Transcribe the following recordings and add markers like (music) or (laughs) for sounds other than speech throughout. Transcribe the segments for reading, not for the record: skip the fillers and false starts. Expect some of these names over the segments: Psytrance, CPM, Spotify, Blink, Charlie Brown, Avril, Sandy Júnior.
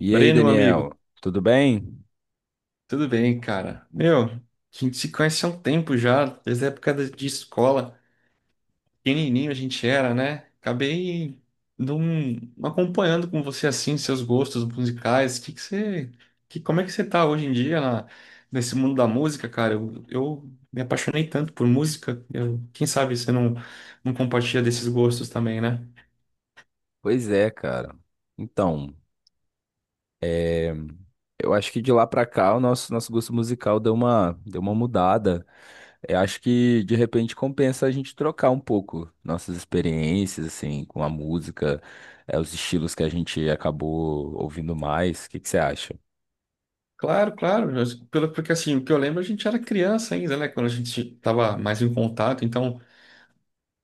E aí, Breno, meu Daniel, amigo, tudo bem? tudo bem, cara? Meu, a gente se conhece há um tempo já, desde a de escola. Pequenininho a gente era, né? Acabei não acompanhando com você assim, seus gostos musicais. Como é que você tá hoje em nesse mundo da música, cara? Eu me apaixonei tanto por música. Quem sabe você não compartilha desses gostos também, né? Pois é, cara. Então, é, eu acho que de lá pra cá o nosso gosto musical deu uma mudada. Eu acho que de repente compensa a gente trocar um pouco nossas experiências, assim, com a música, os estilos que a gente acabou ouvindo mais. O que que você acha? Claro, claro, porque assim, o que eu lembro, a gente era criança ainda, né? Quando a gente tava mais em contato, então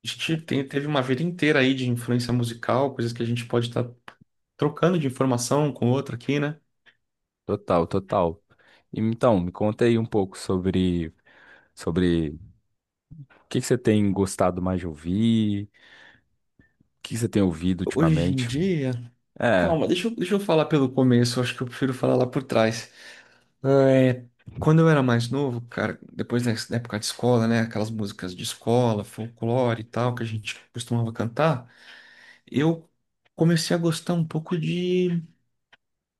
a teve uma vida inteira aí de influência musical, coisas que a gente pode estar trocando de informação com outra aqui, né? Total, total. Então, me conta aí um pouco sobre o que que você tem gostado mais de ouvir, o que que você tem ouvido Hoje em ultimamente. dia. É, Calma, deixa eu falar pelo começo, acho que eu prefiro falar lá por trás. É, quando eu era mais novo, cara, depois da época de escola, né? Aquelas músicas de escola, folclore e tal, que a gente costumava cantar, eu comecei a gostar um pouco de.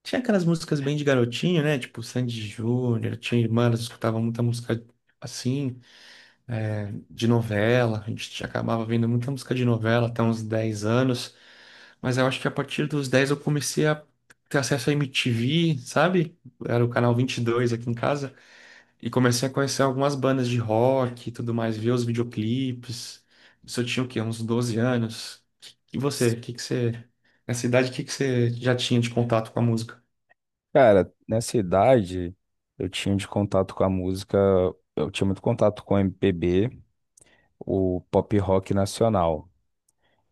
Tinha aquelas músicas bem de garotinho, né? Tipo Sandy Júnior, tinha irmã, elas escutavam muita música assim, de novela. A gente acabava vendo muita música de novela até uns 10 anos, mas eu acho que a partir dos 10 eu comecei a ter acesso à MTV, sabe? Era o canal 22 aqui em casa, e comecei a conhecer algumas bandas de rock e tudo mais, ver os videoclipes. Isso eu tinha o quê? Uns 12 anos. E você, S- o que que você, nessa idade, o que que você já tinha de contato com a música? Cara, nessa idade eu tinha de contato com a música, eu tinha muito contato com o MPB, o pop rock nacional.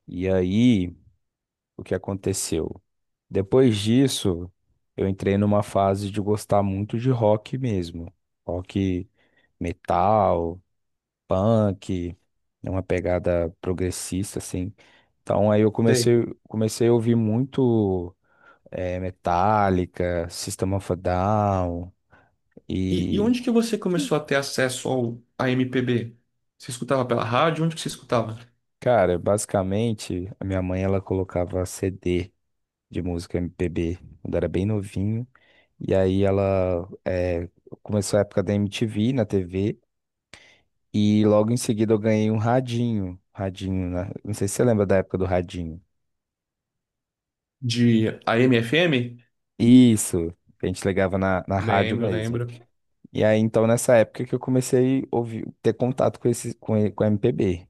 E aí, o que aconteceu? Depois disso, eu entrei numa fase de gostar muito de rock mesmo. Rock metal, punk, é uma pegada progressista assim. Então aí eu Sei. Comecei a ouvir muito Metallica, System of a Down. E E, onde que você começou a ter à MPB? Você escutava pela rádio? Onde que você escutava? cara, basicamente, a minha mãe ela colocava CD de música MPB quando era bem novinho. E aí ela começou a época da MTV na TV. E logo em seguida eu ganhei um radinho. Radinho, né? Não sei se você lembra da época do radinho. De AM/FM? Isso, que a gente ligava na rádio Lembro, mesmo. lembro. E aí, então, nessa época que eu comecei a ouvir, ter contato com com MPB.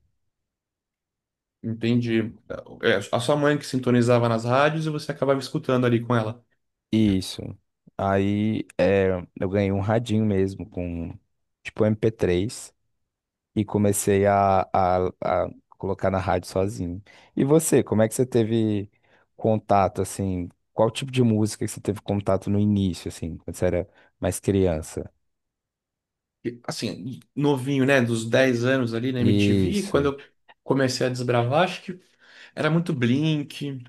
Entendi. É, a sua mãe que sintonizava nas rádios e você acabava escutando ali com ela. Isso. Aí é, eu ganhei um radinho mesmo com tipo MP3 e comecei a colocar na rádio sozinho. E você, como é que você teve contato assim? Qual tipo de música que você teve contato no início, assim, quando você era mais criança? E, assim, novinho, né? Dos 10 anos ali na MTV, quando Isso. eu comecei a desbravar, acho que era muito Blink,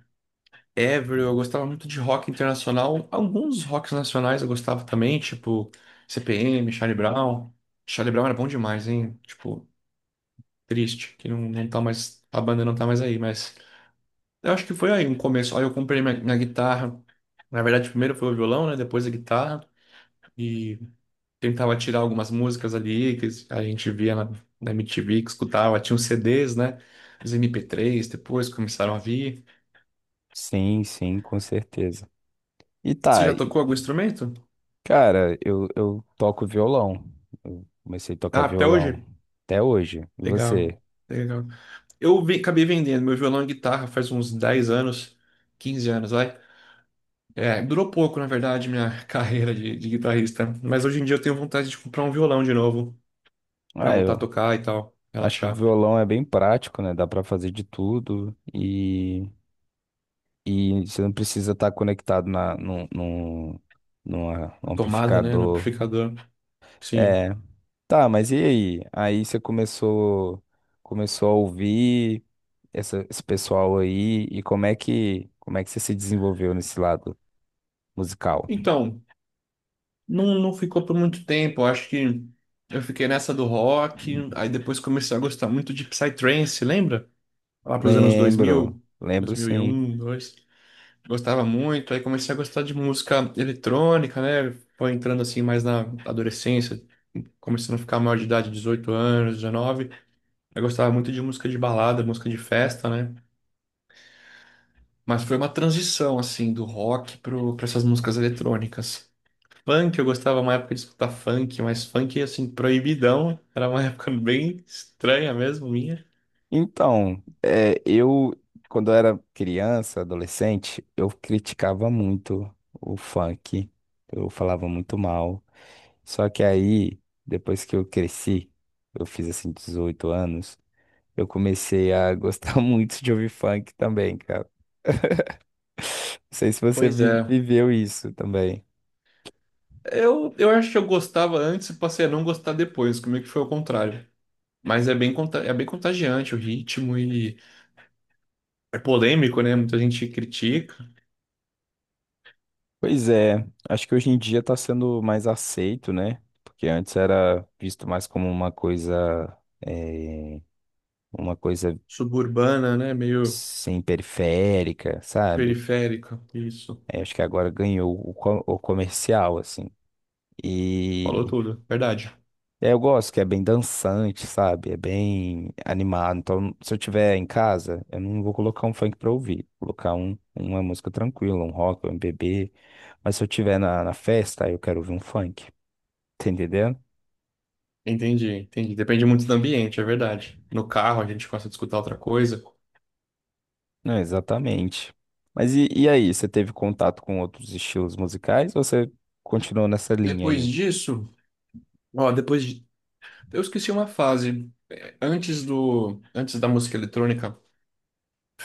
Avril. Eu gostava muito de rock internacional. Alguns rocks nacionais eu gostava também, tipo CPM, Charlie Brown. Charlie Brown era bom demais, hein? Tipo, triste que não tá mais, a banda não tá mais aí, mas. Eu acho que foi aí um começo. Aí eu comprei minha guitarra. Na verdade, primeiro foi o violão, né? Depois a guitarra. E tentava tirar algumas músicas ali que a gente via na MTV, que escutava. Tinha os CDs, né? Os MP3, depois começaram a vir. Sim, sim, com certeza. E Você tá, já e, tocou algum instrumento? cara, eu toco violão. Eu comecei a tocar Ah, até violão hoje? até hoje. E Legal, você? legal. Acabei vendendo meu violão e guitarra faz uns 10 anos, 15 anos, vai. É, durou pouco, na verdade, minha (laughs) carreira de guitarrista. Mas hoje em dia eu tenho vontade de comprar um violão de novo. Pra Ah voltar a eu tocar e tal, Acho que o relaxar. violão é bem prático, né? Dá pra fazer de tudo e você não precisa estar conectado na, num, num, numa- A num tomada, né, no amplificador. amplificador. Sim. É, tá, mas e aí? Aí você começou a ouvir esse pessoal aí e como é como é que você se desenvolveu nesse lado musical? Então, não ficou por muito tempo. Eu acho que eu fiquei nessa do rock, aí depois comecei a gostar muito de Psytrance, lembra? Lá pros anos Lembro, 2000, lembro sim. 2001, 2. Gostava muito, aí comecei a gostar de música eletrônica, né? Foi entrando assim mais na adolescência, começando a ficar maior de idade, 18 anos, 19. Eu gostava muito de música de balada, música de festa, né? Mas foi uma transição, assim, do rock para essas músicas eletrônicas. Funk, eu gostava uma época de escutar funk, mas funk, assim, proibidão. Era uma (laughs) época bem estranha mesmo, minha. Então, quando eu era criança, adolescente, eu criticava muito o funk, eu falava muito mal. Só que aí, depois que eu cresci, eu fiz assim 18 anos, eu comecei a gostar (laughs) muito de ouvir funk também, cara. (laughs) Não sei se você Pois é. viveu isso também. Eu acho que eu gostava antes e passei a não gostar depois, comigo que foi o contrário. Mas é é bem contagiante o ritmo e é polêmico, né? Muita gente critica. Pois é, acho que hoje em dia tá sendo mais aceito, né? Porque antes era visto mais como uma coisa. eh, uma coisa Suburbana, né? Meio sem periférica, sabe? periférica. Isso. Aí acho que agora ganhou o comercial, assim. E Falou tudo. Verdade. Eu gosto que é bem dançante, sabe? É bem animado. Então, se eu tiver em casa, eu não vou colocar um funk pra ouvir. Vou colocar uma música tranquila, um rock, um MPB. Mas se eu tiver na festa, aí eu quero ouvir um funk. (laughs) Tá entendendo? Entendi, entendi. Depende muito do ambiente, é verdade. No carro a gente gosta de escutar outra coisa. Não, exatamente. Mas e aí, você teve contato com outros estilos musicais ou você continuou nessa linha Depois aí? disso, ó, depois de, eu esqueci uma fase. É, antes antes da música eletrônica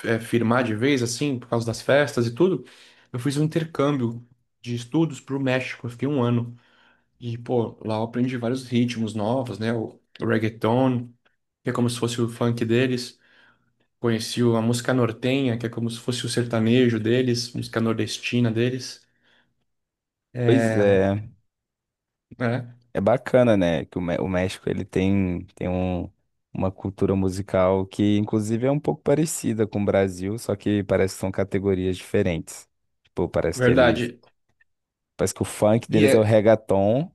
é, firmar de vez, assim, por causa das festas e tudo, eu fiz um intercâmbio de estudos pro México. Eu fiquei um ano e pô, lá eu aprendi vários ritmos novos, né? O reggaeton, que é como se fosse o funk deles. Conheci a música nortenha, que é como se fosse o sertanejo deles, música nordestina deles. Pois É, é. é, É bacana, né? Que o México ele tem um, uma cultura musical que, inclusive, é um pouco parecida com o Brasil, só que parece que são categorias diferentes. Tipo, parece que eles. verdade. Parece que o funk E deles é o é reggaeton,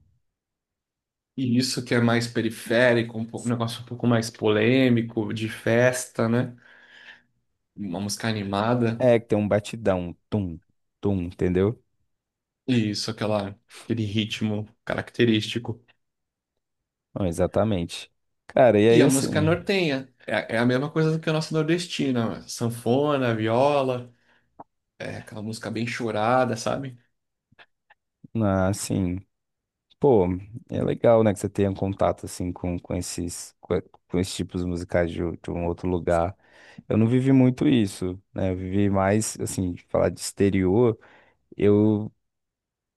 e isso que é mais periférico, um negócio um pouco mais polêmico, de festa, né? Uma música animada. é, que tem um batidão, um tum, tum, entendeu? E isso, aquele ritmo característico. Não, exatamente. Cara, e E aí, a música assim, nortenha. É, é a mesma coisa do que a nossa nordestina, né? Sanfona, viola, é aquela música bem chorada, sabe? na- assim, Pô, é legal, né, que você tenha contato, assim, com esses tipos musicais de um outro lugar. Eu não vivi muito isso, né? Eu vivi mais, assim, de falar de exterior, eu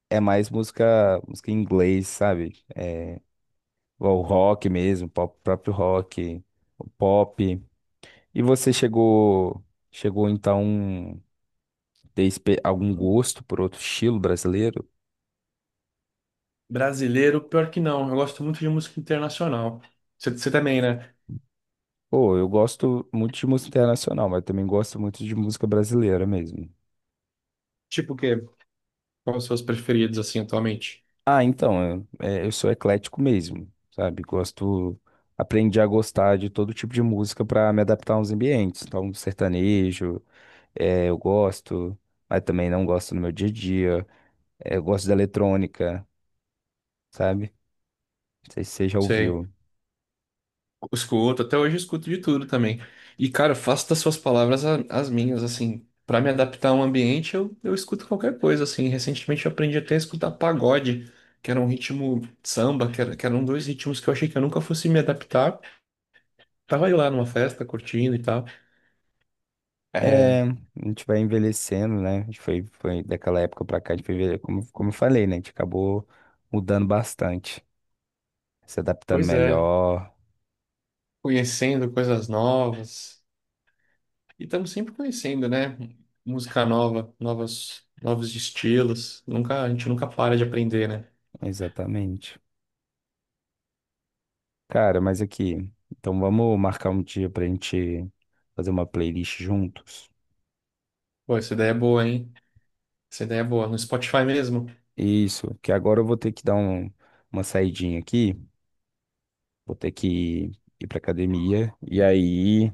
é mais música em inglês, sabe? É, o rock mesmo, o próprio rock, o pop. E você chegou então ter algum gosto por outro estilo brasileiro? Brasileiro, pior que não. Eu gosto muito de música internacional. Você também, né? Pô, eu gosto muito de música internacional, mas também gosto muito de música brasileira mesmo. Tipo o quê? Quais os seus preferidos, assim, atualmente? Ah, então, é, eu sou eclético mesmo, sabe? Gosto, aprendi a gostar de todo tipo de música pra me adaptar aos ambientes. Então, sertanejo, eu gosto, mas também não gosto no meu dia a dia. Eu gosto da eletrônica, sabe? Não sei se você já Sei. ouviu. Escuto, até hoje eu escuto de tudo também. E, cara, eu faço das suas palavras as minhas, assim. Pra me adaptar a um ambiente, eu escuto qualquer coisa, assim. Recentemente eu aprendi até a escutar pagode, que era um ritmo samba, que eram dois ritmos que eu achei que eu nunca fosse me adaptar. Tava eu lá numa festa, curtindo e tal. É, É, a gente vai envelhecendo, né? A gente foi daquela época pra cá, a gente foi, como eu falei, né? A gente acabou mudando bastante, se adaptando pois é, melhor. conhecendo coisas novas. E estamos sempre conhecendo, né? Música nova, novos estilos. Nunca, a gente nunca para de aprender, né? Exatamente. Cara, mas aqui, então vamos marcar um dia pra gente fazer uma playlist juntos. Pô, essa ideia é boa, hein? Essa ideia é boa. No Spotify mesmo. Isso, que agora eu vou ter que dar uma saidinha aqui, vou ter que ir pra academia,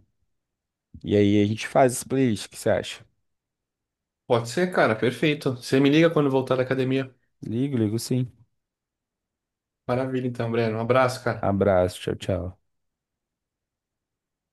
e aí a gente faz essa playlist, o que você acha? Pode ser, cara, perfeito. Você me liga quando voltar da academia. Ligo, ligo sim. Maravilha, então, Breno. Um abraço, cara. Abraço, tchau, tchau.